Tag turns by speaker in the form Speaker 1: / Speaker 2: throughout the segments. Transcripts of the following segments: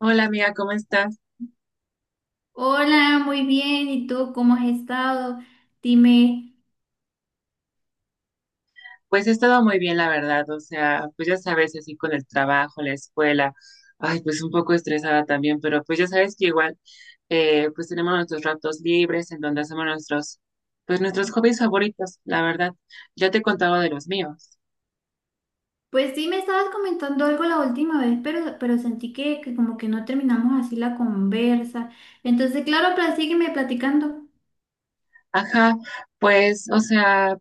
Speaker 1: Hola amiga, ¿cómo estás?
Speaker 2: Hola, muy bien. ¿Y tú cómo has estado? Dime,
Speaker 1: Pues he estado muy bien, la verdad, o sea, pues ya sabes, así con el trabajo, la escuela, ay, pues un poco estresada también, pero pues ya sabes que igual, pues tenemos nuestros ratos libres en donde hacemos nuestros, pues nuestros hobbies favoritos, la verdad. Ya te he contado de los míos.
Speaker 2: pues sí me estabas comentando algo la última vez, pero sentí que como que no terminamos así la conversa. Entonces, claro, pero sígueme platicando.
Speaker 1: Ajá, pues, o sea,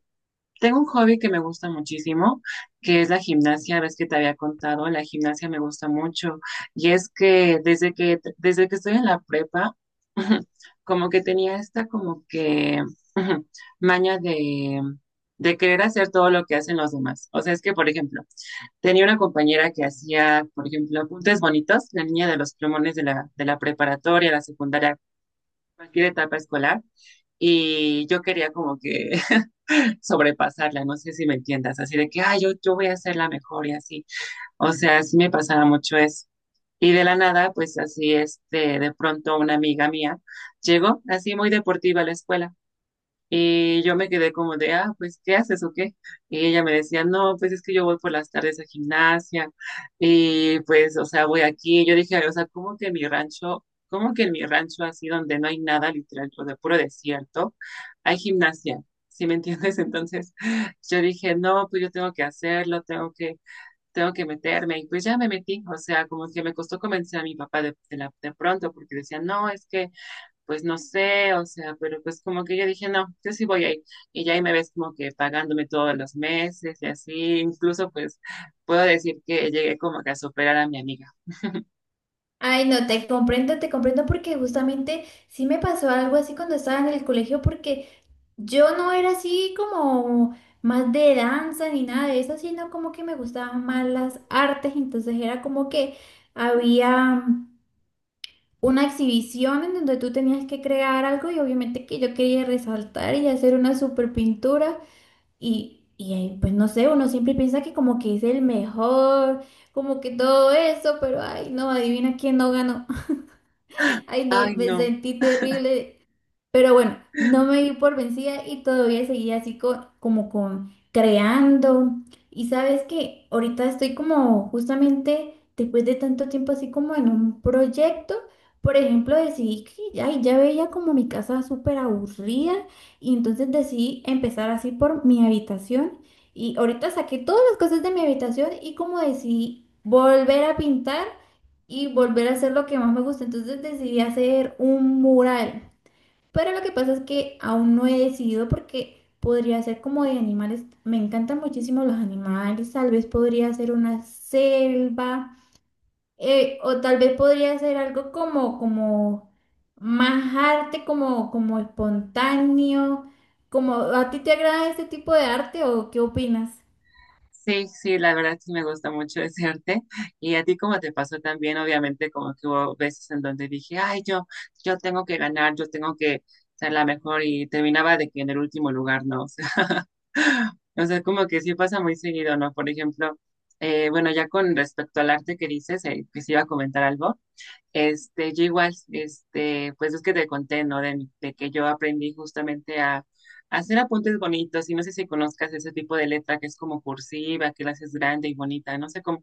Speaker 1: tengo un hobby que me gusta muchísimo, que es la gimnasia. Ves que te había contado, la gimnasia me gusta mucho. Y es que desde que estoy en la prepa, como que tenía esta como que maña de querer hacer todo lo que hacen los demás. O sea, es que, por ejemplo, tenía una compañera que hacía, por ejemplo, apuntes bonitos, la niña de los plumones de de la preparatoria, la secundaria, cualquier etapa escolar. Y yo quería como que sobrepasarla, no sé si me entiendas, así de que, ah, yo voy a ser la mejor y así. O sea, sí me pasaba mucho eso. Y de la nada, pues así, este, de pronto una amiga mía llegó así muy deportiva a la escuela y yo me quedé como de, ah, pues, ¿qué haces o qué? Y ella me decía, no, pues es que yo voy por las tardes a gimnasia y pues, o sea, voy aquí. Y yo dije, o sea, ¿cómo que en mi rancho, cómo que en mi rancho así donde no hay nada literal, o de puro desierto, hay gimnasia? ¿Sí me entiendes? Entonces yo dije, no, pues yo tengo que hacerlo, tengo que meterme. Y pues ya me metí, o sea, como que me costó convencer a mi papá de, de pronto porque decía, no, es que pues no sé, o sea, pero pues como que yo dije, no, yo sí voy ahí. Y ya ahí me ves como que pagándome todos los meses y así, incluso pues puedo decir que llegué como que a superar a mi amiga.
Speaker 2: Ay, no, te comprendo porque justamente sí me pasó algo así cuando estaba en el colegio porque yo no era así como más de danza ni nada de eso, sino como que me gustaban más las artes, entonces era como que había una exhibición en donde tú tenías que crear algo y obviamente que yo quería resaltar y hacer una super pintura y ahí, pues no sé, uno siempre piensa que como que es el mejor, como que todo eso, pero ay no, adivina quién no ganó, ay no,
Speaker 1: Ay,
Speaker 2: me
Speaker 1: no.
Speaker 2: sentí terrible, pero bueno, no me di por vencida y todavía seguía así como con creando. Y sabes que ahorita estoy como justamente después de tanto tiempo así como en un proyecto. Por ejemplo, decidí que ay, ya veía como mi casa súper aburrida y entonces decidí empezar así por mi habitación. Y ahorita saqué todas las cosas de mi habitación y como decidí volver a pintar y volver a hacer lo que más me gusta. Entonces decidí hacer un mural. Pero lo que pasa es que aún no he decidido porque podría ser como de animales. Me encantan muchísimo los animales. Tal vez podría ser una selva. O tal vez podría ser algo como más arte, como espontáneo. Como, ¿a ti te agrada este tipo de arte o qué opinas?
Speaker 1: Sí, sí, la verdad sí me gusta mucho ese arte. Y a ti como te pasó también, obviamente, como que hubo veces en donde dije, ay, yo tengo que ganar, yo tengo que ser la mejor y terminaba de que en el último lugar, ¿no? O sea, como que sí pasa muy seguido, ¿no? Por ejemplo, bueno, ya con respecto al arte que dices, que se iba a comentar algo, este, yo igual, este, pues es que te conté, ¿no? De que yo aprendí justamente a hacer apuntes bonitos y no sé si conozcas ese tipo de letra que es como cursiva, que la haces grande y bonita, no sé cómo,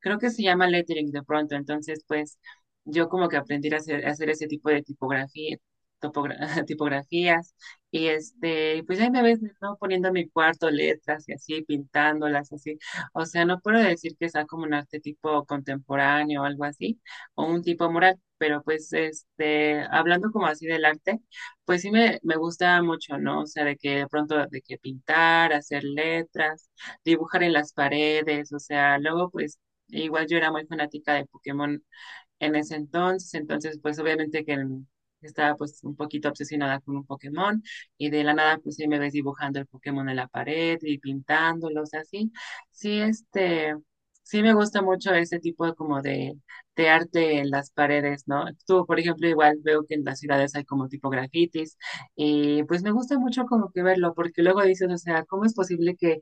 Speaker 1: creo que se llama lettering de pronto, entonces pues yo como que aprendí a hacer ese tipo de tipografía, tipografías y este, pues ahí me ves, ¿no? Poniendo en mi cuarto letras y así, pintándolas así, o sea, no puedo decir que sea como un arte tipo contemporáneo o algo así o un tipo mural, pero pues este, hablando como así del arte, pues sí me gusta mucho, ¿no? O sea, de que de pronto de que pintar, hacer letras, dibujar en las paredes, o sea, luego pues igual yo era muy fanática de Pokémon en ese entonces. Entonces, pues obviamente que estaba pues un poquito obsesionada con un Pokémon y de la nada pues sí me ves dibujando el Pokémon en la pared y pintándolos así. Sí, sí, este, sí me gusta mucho ese tipo de como de arte en las paredes, ¿no? Tú, por ejemplo, igual veo que en las ciudades hay como tipo grafitis y pues me gusta mucho como que verlo porque luego dices, o sea, ¿cómo es posible que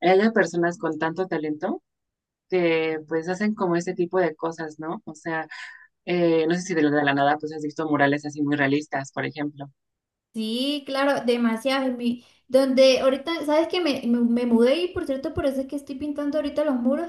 Speaker 1: haya personas con tanto talento? Que pues hacen como este tipo de cosas, ¿no? O sea, no sé si de de la nada pues has visto murales así muy realistas, por ejemplo.
Speaker 2: Sí, claro, demasiado. Donde ahorita, ¿sabes que me mudé? Y por cierto, por eso es que estoy pintando ahorita los muros.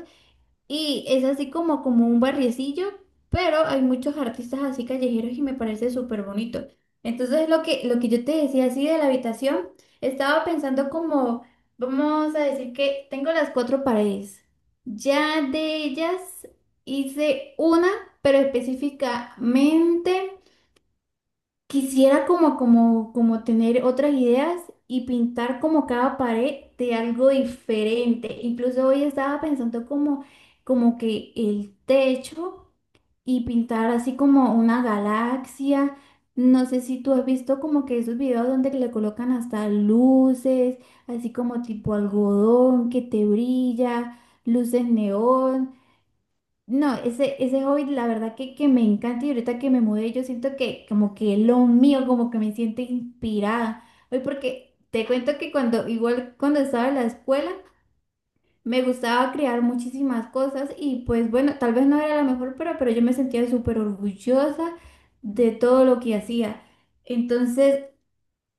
Speaker 2: Y es así como, como un barriecillo, pero hay muchos artistas así callejeros y me parece súper bonito. Entonces lo que yo te decía así de la habitación, estaba pensando como, vamos a decir que tengo las cuatro paredes. Ya de ellas hice una, pero específicamente... Quisiera como tener otras ideas y pintar como cada pared de algo diferente. Incluso hoy estaba pensando como, como que el techo y pintar así como una galaxia. No sé si tú has visto como que esos videos donde le colocan hasta luces, así como tipo algodón que te brilla, luces neón. No, ese hobby la verdad que me encanta, y ahorita que me mudé yo siento que como que es lo mío, como que me siento inspirada. Hoy porque te cuento que cuando, igual cuando estaba en la escuela, me gustaba crear muchísimas cosas y pues bueno, tal vez no era la mejor, pero yo me sentía súper orgullosa de todo lo que hacía. Entonces,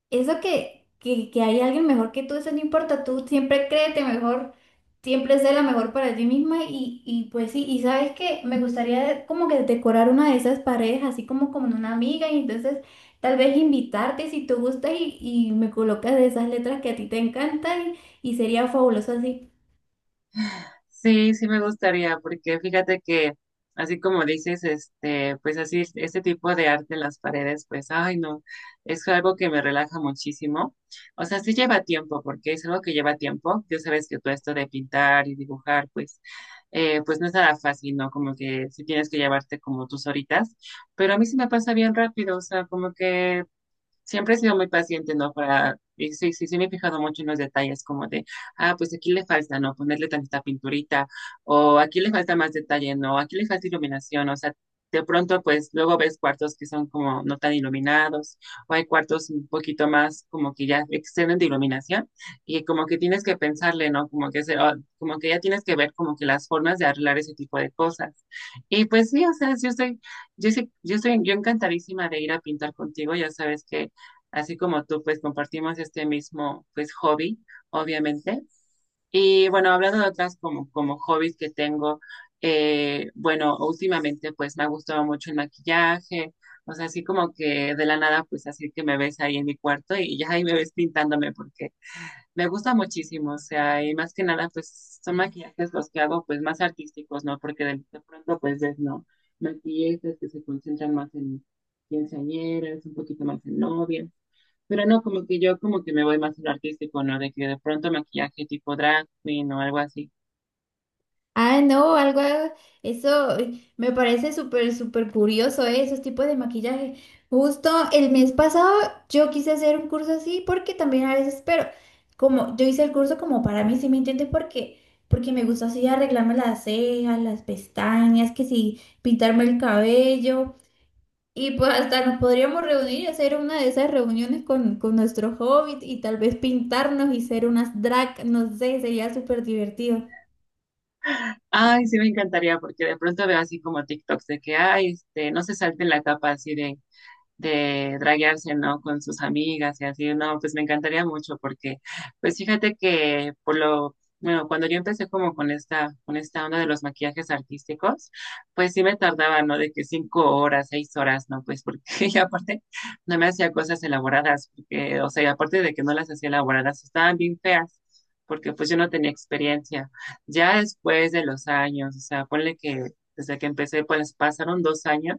Speaker 2: eso que hay alguien mejor que tú, eso no importa, tú siempre créete mejor, siempre sé la mejor para ti misma y pues sí, y sabes que me gustaría como que decorar una de esas paredes, así como con una amiga y entonces tal vez invitarte si tú gustas y me colocas de esas letras que a ti te encantan y sería fabuloso así.
Speaker 1: Sí, sí me gustaría, porque fíjate que así como dices, este, pues así este tipo de arte en las paredes, pues ay no, es algo que me relaja muchísimo. O sea, sí lleva tiempo, porque es algo que lleva tiempo. Ya sabes que todo esto de pintar y dibujar, pues, pues no es nada fácil, ¿no? Como que sí tienes que llevarte como tus horitas, pero a mí sí me pasa bien rápido, o sea, como que siempre he sido muy paciente, ¿no? Para, y sí, sí, sí me he fijado mucho en los detalles, como de, ah, pues aquí le falta, ¿no? Ponerle tanta pinturita, o aquí le falta más detalle, ¿no? Aquí le falta iluminación, o sea, de pronto, pues luego ves cuartos que son como no tan iluminados, o hay cuartos un poquito más como que ya exceden de iluminación, y como que tienes que pensarle, ¿no? Como que, se, o- como que ya tienes que ver como que las formas de arreglar ese tipo de cosas. Y pues sí, o sea, yo, yo estoy, yo encantadísima de ir a pintar contigo, ya sabes que así como tú, pues compartimos este mismo, pues, hobby, obviamente. Y bueno, hablando de otras como, como hobbies que tengo, bueno, últimamente pues me ha gustado mucho el maquillaje, o sea, así como que de la nada, pues así que me ves ahí en mi cuarto y ya ahí me ves pintándome porque me gusta muchísimo, o sea, y más que nada, pues son maquillajes los que hago pues más artísticos, ¿no? Porque de pronto pues ves, ¿no? Maquillistas que se concentran más en quinceañeras, un poquito más en novias. Pero no, como que yo como que me voy más a lo artístico, ¿no? De que de pronto maquillaje tipo drag queen o algo así.
Speaker 2: Ah, no, algo, eso me parece súper, súper curioso, esos tipos de maquillaje. Justo el mes pasado yo quise hacer un curso así porque también a veces, pero como yo hice el curso como para mí, ¿sí me entiendes? Porque me gusta así arreglarme las cejas, las pestañas, que sí, pintarme el cabello. Y pues hasta nos podríamos reunir y hacer una de esas reuniones con nuestro hobbit y tal vez pintarnos y ser unas drag, no sé, sería súper divertido.
Speaker 1: Ay, sí me encantaría porque de pronto veo así como TikToks de que, ay, este, no se salten la capa así de draguearse, ¿no? Con sus amigas y así, no, pues me encantaría mucho porque, pues fíjate que por lo, bueno, cuando yo empecé como con esta onda de los maquillajes artísticos, pues sí me tardaba, ¿no? De que 5 horas, 6 horas, ¿no? Pues porque y aparte no me hacía cosas elaboradas, porque, o sea, y aparte de que no las hacía elaboradas, estaban bien feas, porque pues yo no tenía experiencia. Ya después de los años, o sea, ponle que desde que empecé, pues pasaron 2 años,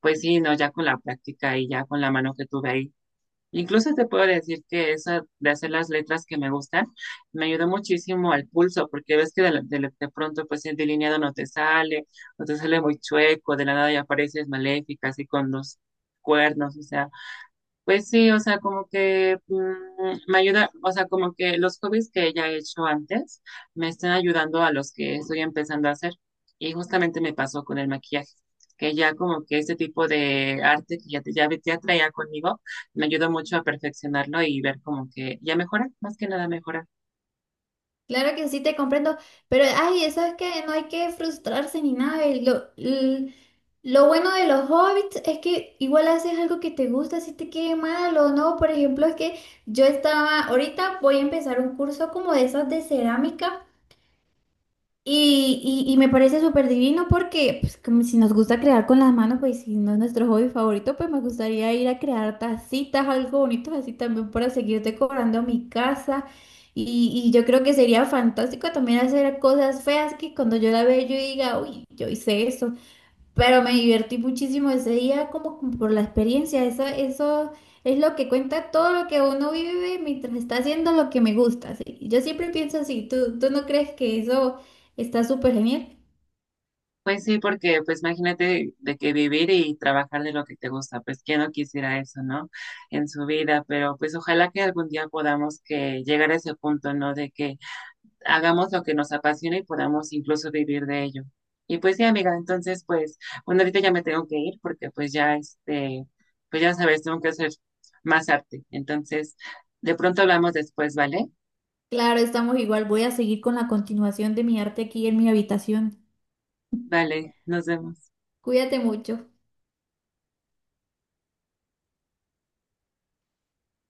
Speaker 1: pues sí, no, ya con la práctica y ya con la mano que tuve ahí. Incluso te puedo decir que eso de hacer las letras que me gustan me ayudó muchísimo al pulso, porque ves que de, de pronto pues el delineado no te sale, o te sale muy chueco, de la nada ya apareces maléfica, así con los cuernos, o sea, pues sí, o sea, como que me ayuda, o sea, como que los hobbies que ya he hecho antes me están ayudando a los que estoy empezando a hacer. Y justamente me pasó con el maquillaje, que ya como que este tipo de arte que ya, ya, ya traía conmigo me ayudó mucho a perfeccionarlo y ver como que ya mejora, más que nada mejora.
Speaker 2: Claro que sí te comprendo, pero ay, eso es que no hay que frustrarse ni nada. Y lo, lo bueno de los hobbits es que igual haces algo que te gusta, si te quede mal o no. Por ejemplo, es que yo estaba, ahorita voy a empezar un curso como de esas de cerámica. Y, y me parece súper divino porque pues, como si nos gusta crear con las manos, pues si no es nuestro hobby favorito, pues me gustaría ir a crear tacitas, algo bonito así también para seguir decorando mi casa. Y yo creo que sería fantástico también hacer cosas feas que cuando yo la vea yo diga, uy, yo hice eso. Pero me divertí muchísimo ese día como como por la experiencia. Eso es lo que cuenta, todo lo que uno vive mientras está haciendo lo que me gusta. ¿Sí? Yo siempre pienso así, tú no crees que eso está súper genial?
Speaker 1: Pues sí, porque pues imagínate de que vivir y trabajar de lo que te gusta, pues quién no quisiera eso, ¿no? En su vida, pero pues ojalá que algún día podamos que llegar a ese punto, ¿no? De que hagamos lo que nos apasiona y podamos incluso vivir de ello. Y pues sí, amiga, entonces pues, bueno, ahorita ya me tengo que ir porque pues ya este, pues ya sabes, tengo que hacer más arte. Entonces, de pronto hablamos después, ¿vale?
Speaker 2: Claro, estamos igual. Voy a seguir con la continuación de mi arte aquí en mi habitación.
Speaker 1: Vale, nos vemos.
Speaker 2: Cuídate mucho.